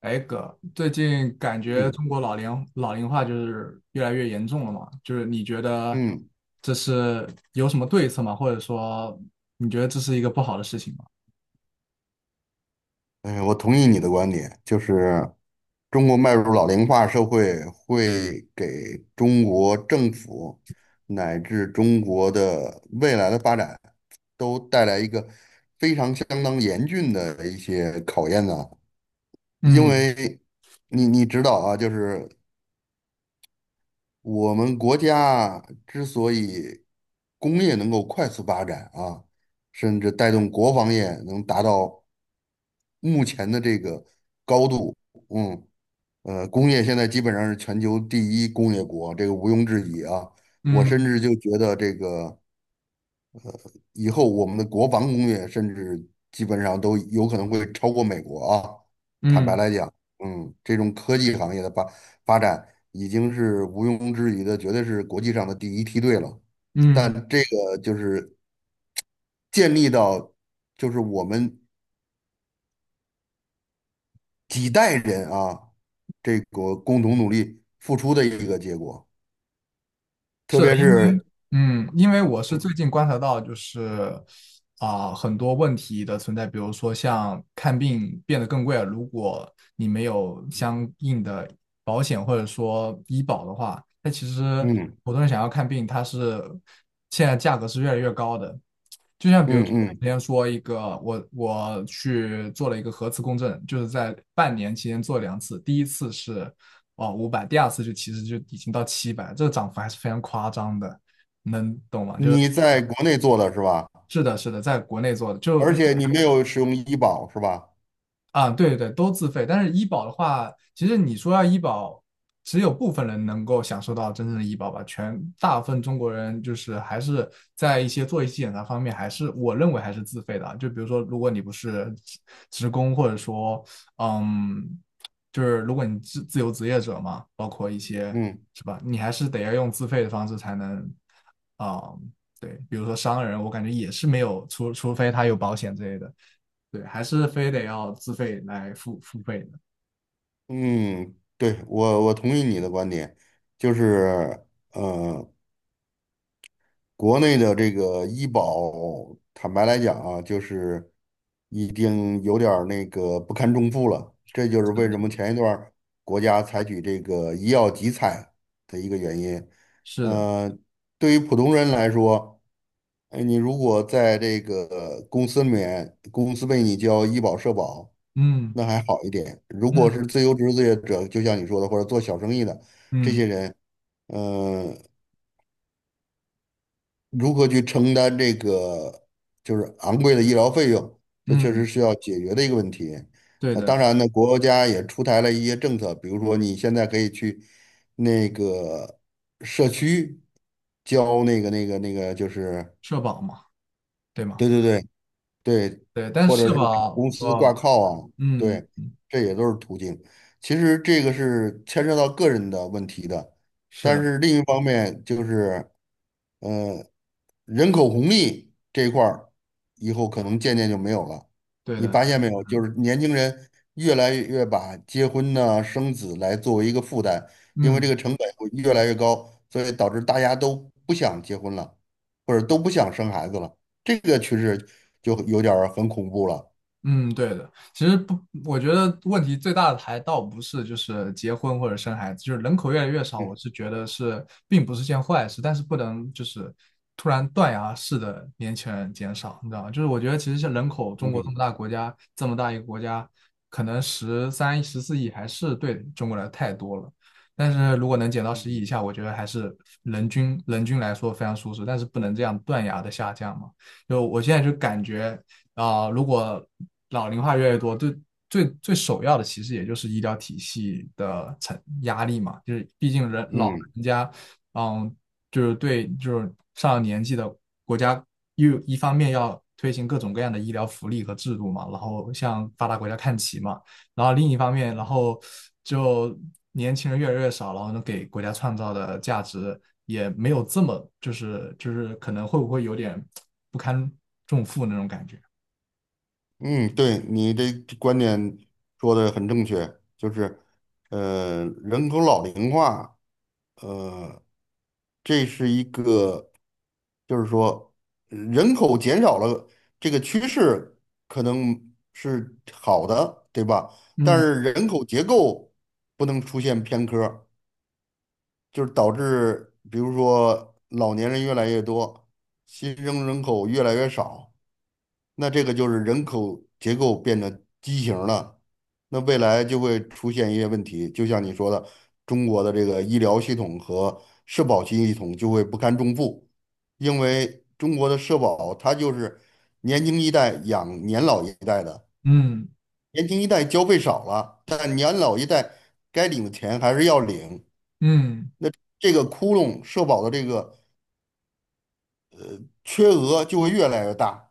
哎哥，最近感觉嗯中国老龄化就是越来越严重了嘛？就是你觉得嗯，这是有什么对策吗？或者说你觉得这是一个不好的事情吗？哎，我同意你的观点，就是中国迈入老龄化社会，会给中国政府乃至中国的未来的发展都带来一个非常相当严峻的一些考验呢。因嗯为你知道啊，就是我们国家之所以工业能够快速发展啊，甚至带动国防业能达到目前的这个高度，嗯，工业现在基本上是全球第一工业国，这个毋庸置疑啊。我甚嗯至就觉得这个以后我们的国防工业甚至基本上都有可能会超过美国啊。坦白嗯来讲，这种科技行业的发展已经是毋庸置疑的，绝对是国际上的第一梯队了。但嗯，这个就是建立到，就是我们几代人啊，这个共同努力付出的一个结果。特是的。别是，嗯，因为我是最嗯近观察到，就是很多问题的存在，比如说像看病变得更贵了，如果你没有相应的保险或者说医保的话，那其实嗯。普通人想要看病，它是现在价格是越来越高的。就像比如说，嗯嗯，之前说一个，我去做了一个核磁共振，就是在半年期间做2次，第一次是哦500 5 0，第二次就其实就已经到700，这个涨幅还是非常夸张的。你在国内做的是吧？是的，是的，在国内做的，就而一且你没有使用医保是吧？啊，对对对，都自费。但是医保的话，其实你说要医保，只有部分人能够享受到真正的医保吧。大部分中国人就是还是在一些做一些检查方面，还是我认为还是自费的啊。就比如说，如果你不是职工，或者说，嗯，就是如果你自由职业者嘛，包括一些嗯。是吧，你还是得要用自费的方式才能，啊、对，比如说商人，我感觉也是没有，除非他有保险之类的。对，还是非得要自费来付费的。嗯，对，我同意你的观点，就是呃，国内的这个医保，坦白来讲啊，就是已经有点儿那个不堪重负了，这就是为什么前一段儿国家采取这个医药集采的一个原因。是的，呃，对于普通人来说，哎，你如果在这个公司里面，公司为你交医保社保。嗯那还好一点。如果嗯是自由职业者，就像你说的，或者做小生意的这嗯些人，嗯、如何去承担这个就是昂贵的医疗费用，这确实嗯，是要解决的一个问题。对那的，当然呢，国家也出台了一些政策，比如说你现在可以去那个社区交那个，就是社保嘛，对吗？对对对，对，对，但或是者社是给保，公司挂哦，靠啊，嗯，对，这也都是途径。其实这个是牵涉到个人的问题的，是但的，是另一方面就是。嗯、呃人口红利这一块儿，以后可能渐渐就没有了。对你的，发现没有？就是年轻人越来越把结婚呢、生子来作为一个负担，因为这个嗯。成本会越来越高，所以导致大家都不想结婚了，或者都不想生孩子了。这个趋势就有点儿很恐怖了。嗯，对的。其实不，我觉得问题最大的还倒不是就是结婚或者生孩子，就是人口越来越少，我嗯是觉得是并不是件坏事，但是不能就是突然断崖式的年轻人减少，你知道吗？就是我觉得其实像人口，中国这么嗯大国家，这么大一个国家，可能13、14亿还是对中国来太多了。但是如果能减到10亿以嗯。下，我觉得还是人均来说非常舒适，但是不能这样断崖的下降嘛。就我现在就感觉。如果老龄化越来越多，最首要的其实也就是医疗体系的承压力嘛，就是毕竟人老嗯人家，嗯，就是对就是上了年纪的国家又一方面要推行各种各样的医疗福利和制度嘛，然后向发达国家看齐嘛，然后另一方面，然嗯。后就年轻人越来越少，然后能给国家创造的价值也没有这么就是可能会不会有点不堪重负那种感觉。嗯，对，你这观点说的很正确，就是，人口老龄化。呃，这是一个，就是说人口减少了，这个趋势可能是好的，对吧？但嗯是人口结构不能出现偏科儿就是导致比如说老年人越来越多，新生人口越来越少。那这个就是人口结构变得畸形了，那未来就会出现一些问题，就像你说的，中国的这个医疗系统和社保系统就会不堪重负，因为中国的社保它就是年轻一代养年老一代的，嗯年轻一代交费少了，但年老一代该领的钱还是要领，嗯，这个窟窿社保的这个缺额就会越来越大，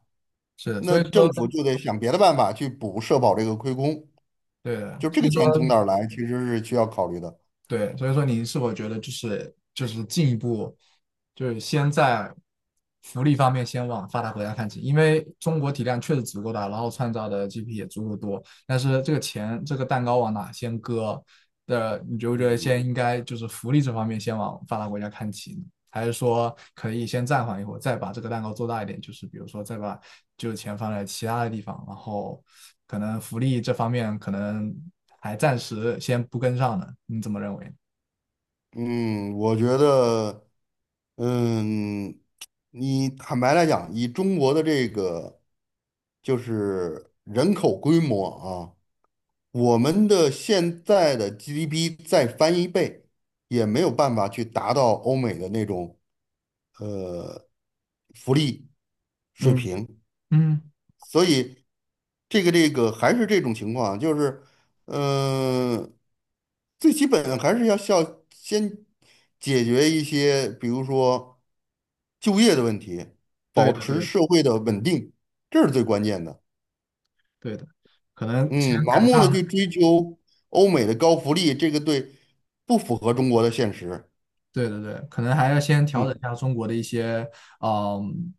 是的，那所以政说，府就得想别的办法去补社保这个亏空。对的，就这所个以钱从说，哪儿来，其实是需要考虑的。对，所以说，您是否觉得就是进一步，就是先在福利方面先往发达国家看齐，因为中国体量确实足够大，然后创造的 GDP 也足够多，但是这个钱这个蛋糕往哪先割的，你觉不觉得嗯先应该就是福利这方面先往发达国家看齐呢？还是说可以先暂缓一会儿，再把这个蛋糕做大一点，就是比如说再把就是钱放在其他的地方，然后可能福利这方面可能还暂时先不跟上呢。你怎么认为？嗯，我觉得，嗯，你坦白来讲，以中国的这个就是人口规模啊，我们的现在的 GDP 再翻一倍，也没有办法去达到欧美的那种福利水嗯平。嗯，所以这个还是这种情况，就是，嗯，最基本的还是要先解决一些，比如说就业的问题，对保的持对的社会的稳定，这是最关键的。对的，可能先嗯，盲改目的去善。追求欧美的高福利，这个对不符合中国的现实。对对对，可能还要先调整嗯，一下中国的一些嗯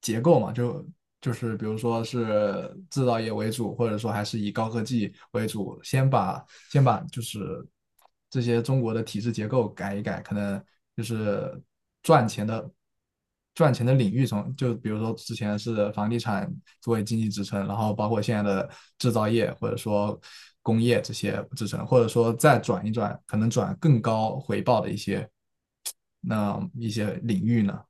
结构嘛，就是比如说是制造业为主，或者说还是以高科技为主，先把就是这些中国的体制结构改一改，可能就是赚钱的赚钱的领域从就比如说之前是房地产作为经济支撑，然后包括现在的制造业或者说工业这些支撑，或者说再转一转，可能转更高回报的那一些领域呢，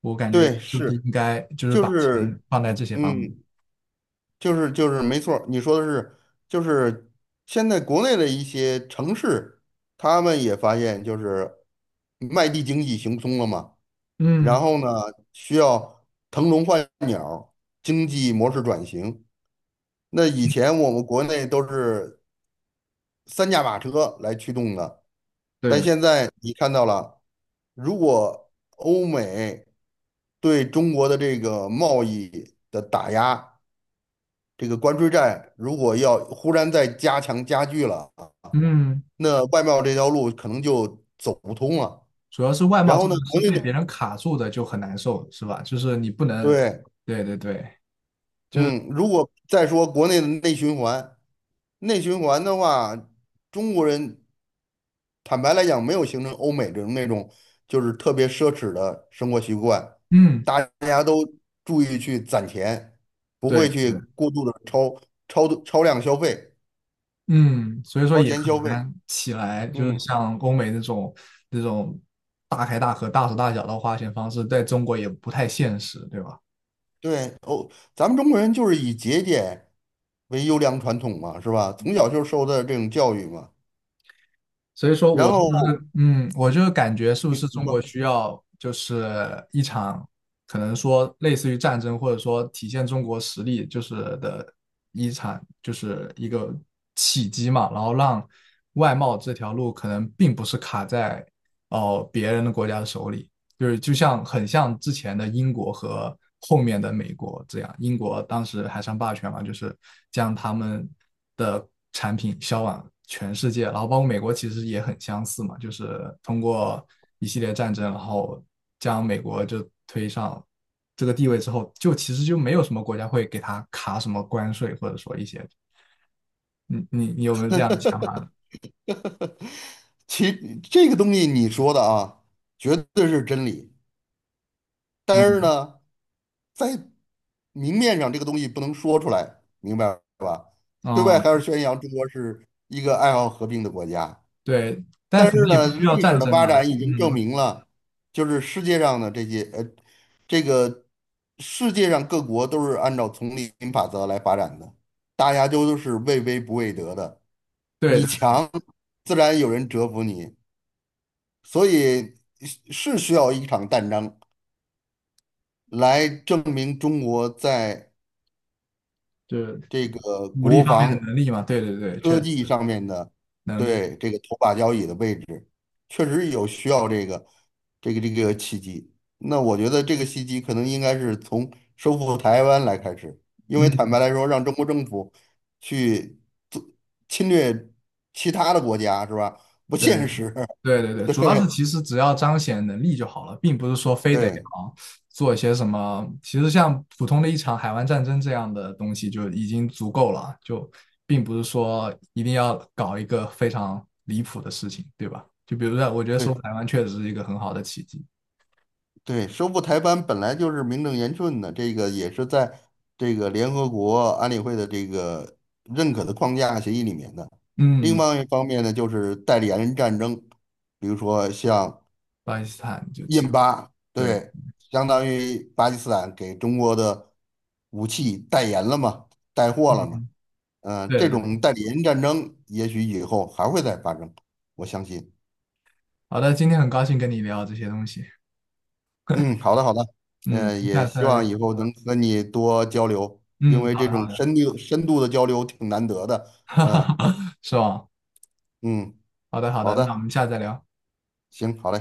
我感觉对，就是是，应该就是就把钱是，放在这些方面。嗯。就是没错儿你说的是，就是现在国内的一些城市，他们也发现就是卖地经济行不通了嘛，然嗯，后呢，需要腾笼换鸟，经济模式转型。那以前我们国内都是三驾马车来驱动的，对但的，现在你看到了，如果欧美对中国的这个贸易的打压。这个关税战如果要忽然再加强加剧了啊，嗯。那外贸这条路可能就走不通了。主要是外然貌后这的呢，国是内被的别人卡住的，就很难受，是吧？就是你不能，对，对对对，嗯，如果再说国内的内循环，内循环的话，中国人坦白来讲没有形成欧美这种那种就是特别奢侈的生活习惯，嗯，大家都注意去攒钱，不对会去对，过度的超度超量消费、嗯，所以说超也很前消费，难起来，就是嗯。像欧美那种大开大合、大手大脚的花钱方式，在中国也不太现实，对吧？对哦，咱们中国人就是以节俭为优良传统嘛，是吧？从小就受的这种教育嘛。所以。然后嗯，我就感觉是不是你你中国说，需要就是一场可能说类似于战争，或者说体现中国实力就是的一场就是一个契机嘛，然后让外贸这条路可能并不是卡在哦、别人的国家的手里，就是就像很像之前的英国和后面的美国这样，英国当时海上霸权嘛，就是将他们的产品销往全世界，然后包括美国其实也很相似嘛，就是通过一系列战争，然后将美国就推上这个地位之后，就其实就没有什么国家会给他卡什么关税，或者说一些，你有没有这样的想法？其这个东西你说的啊，绝对是真理。但是嗯，呢，在明面上这个东西不能说出来，明白吧？对外哦，还是宣扬中国是一个爱好和平的国家。对，但但可能是也呢，不需要历战史的争发嘛，展已经证嗯，明了，就是世界上的这些这个世界上各国都是按照丛林法则来发展的，大家都是畏威不畏德的。对。你的。强，自然有人折服你，所以是需要一场战争来证明中国在就是这个武力国方面的防。能力嘛，对对对，确科实技上面的，能力，对这个头把交椅的位置，确实有需要这个契机。那我觉得这个契机可能应该是从收复台湾来开始，因为坦嗯，白来说，让中国政府去做侵略其他的国家是吧？不对现实。对对 对，主要是对其实只要彰显能力就好了，并不是说非得对啊做一些什么，其实像普通的一场海湾战争这样的东西就已经足够了，就并不是说一定要搞一个非常离谱的事情，对吧？就比如说，我觉得对，收复台湾确实是一个很好的奇迹，对，收复台湾本来就是名正言顺的，这个也是在这个联合国安理会的这个认可的框架协议里面的。另嗯，外一方面呢，就是代理人战争，比如说像巴基斯坦就其印巴，对，对，相当于巴基斯坦给中国的武器代言了嘛，带货了嘛。嗯，对这对对，种代理人战争也许以后还会再发生，我相信。好的，今天很高兴跟你聊这些东西，嗯，好的好的，嗯，也下次希望再。以后能和你多交流，因嗯，为好这的种好的，深度的交流挺难得的。嗯、是吧？嗯，好的好好的，那我的，们下次再聊。行，好嘞。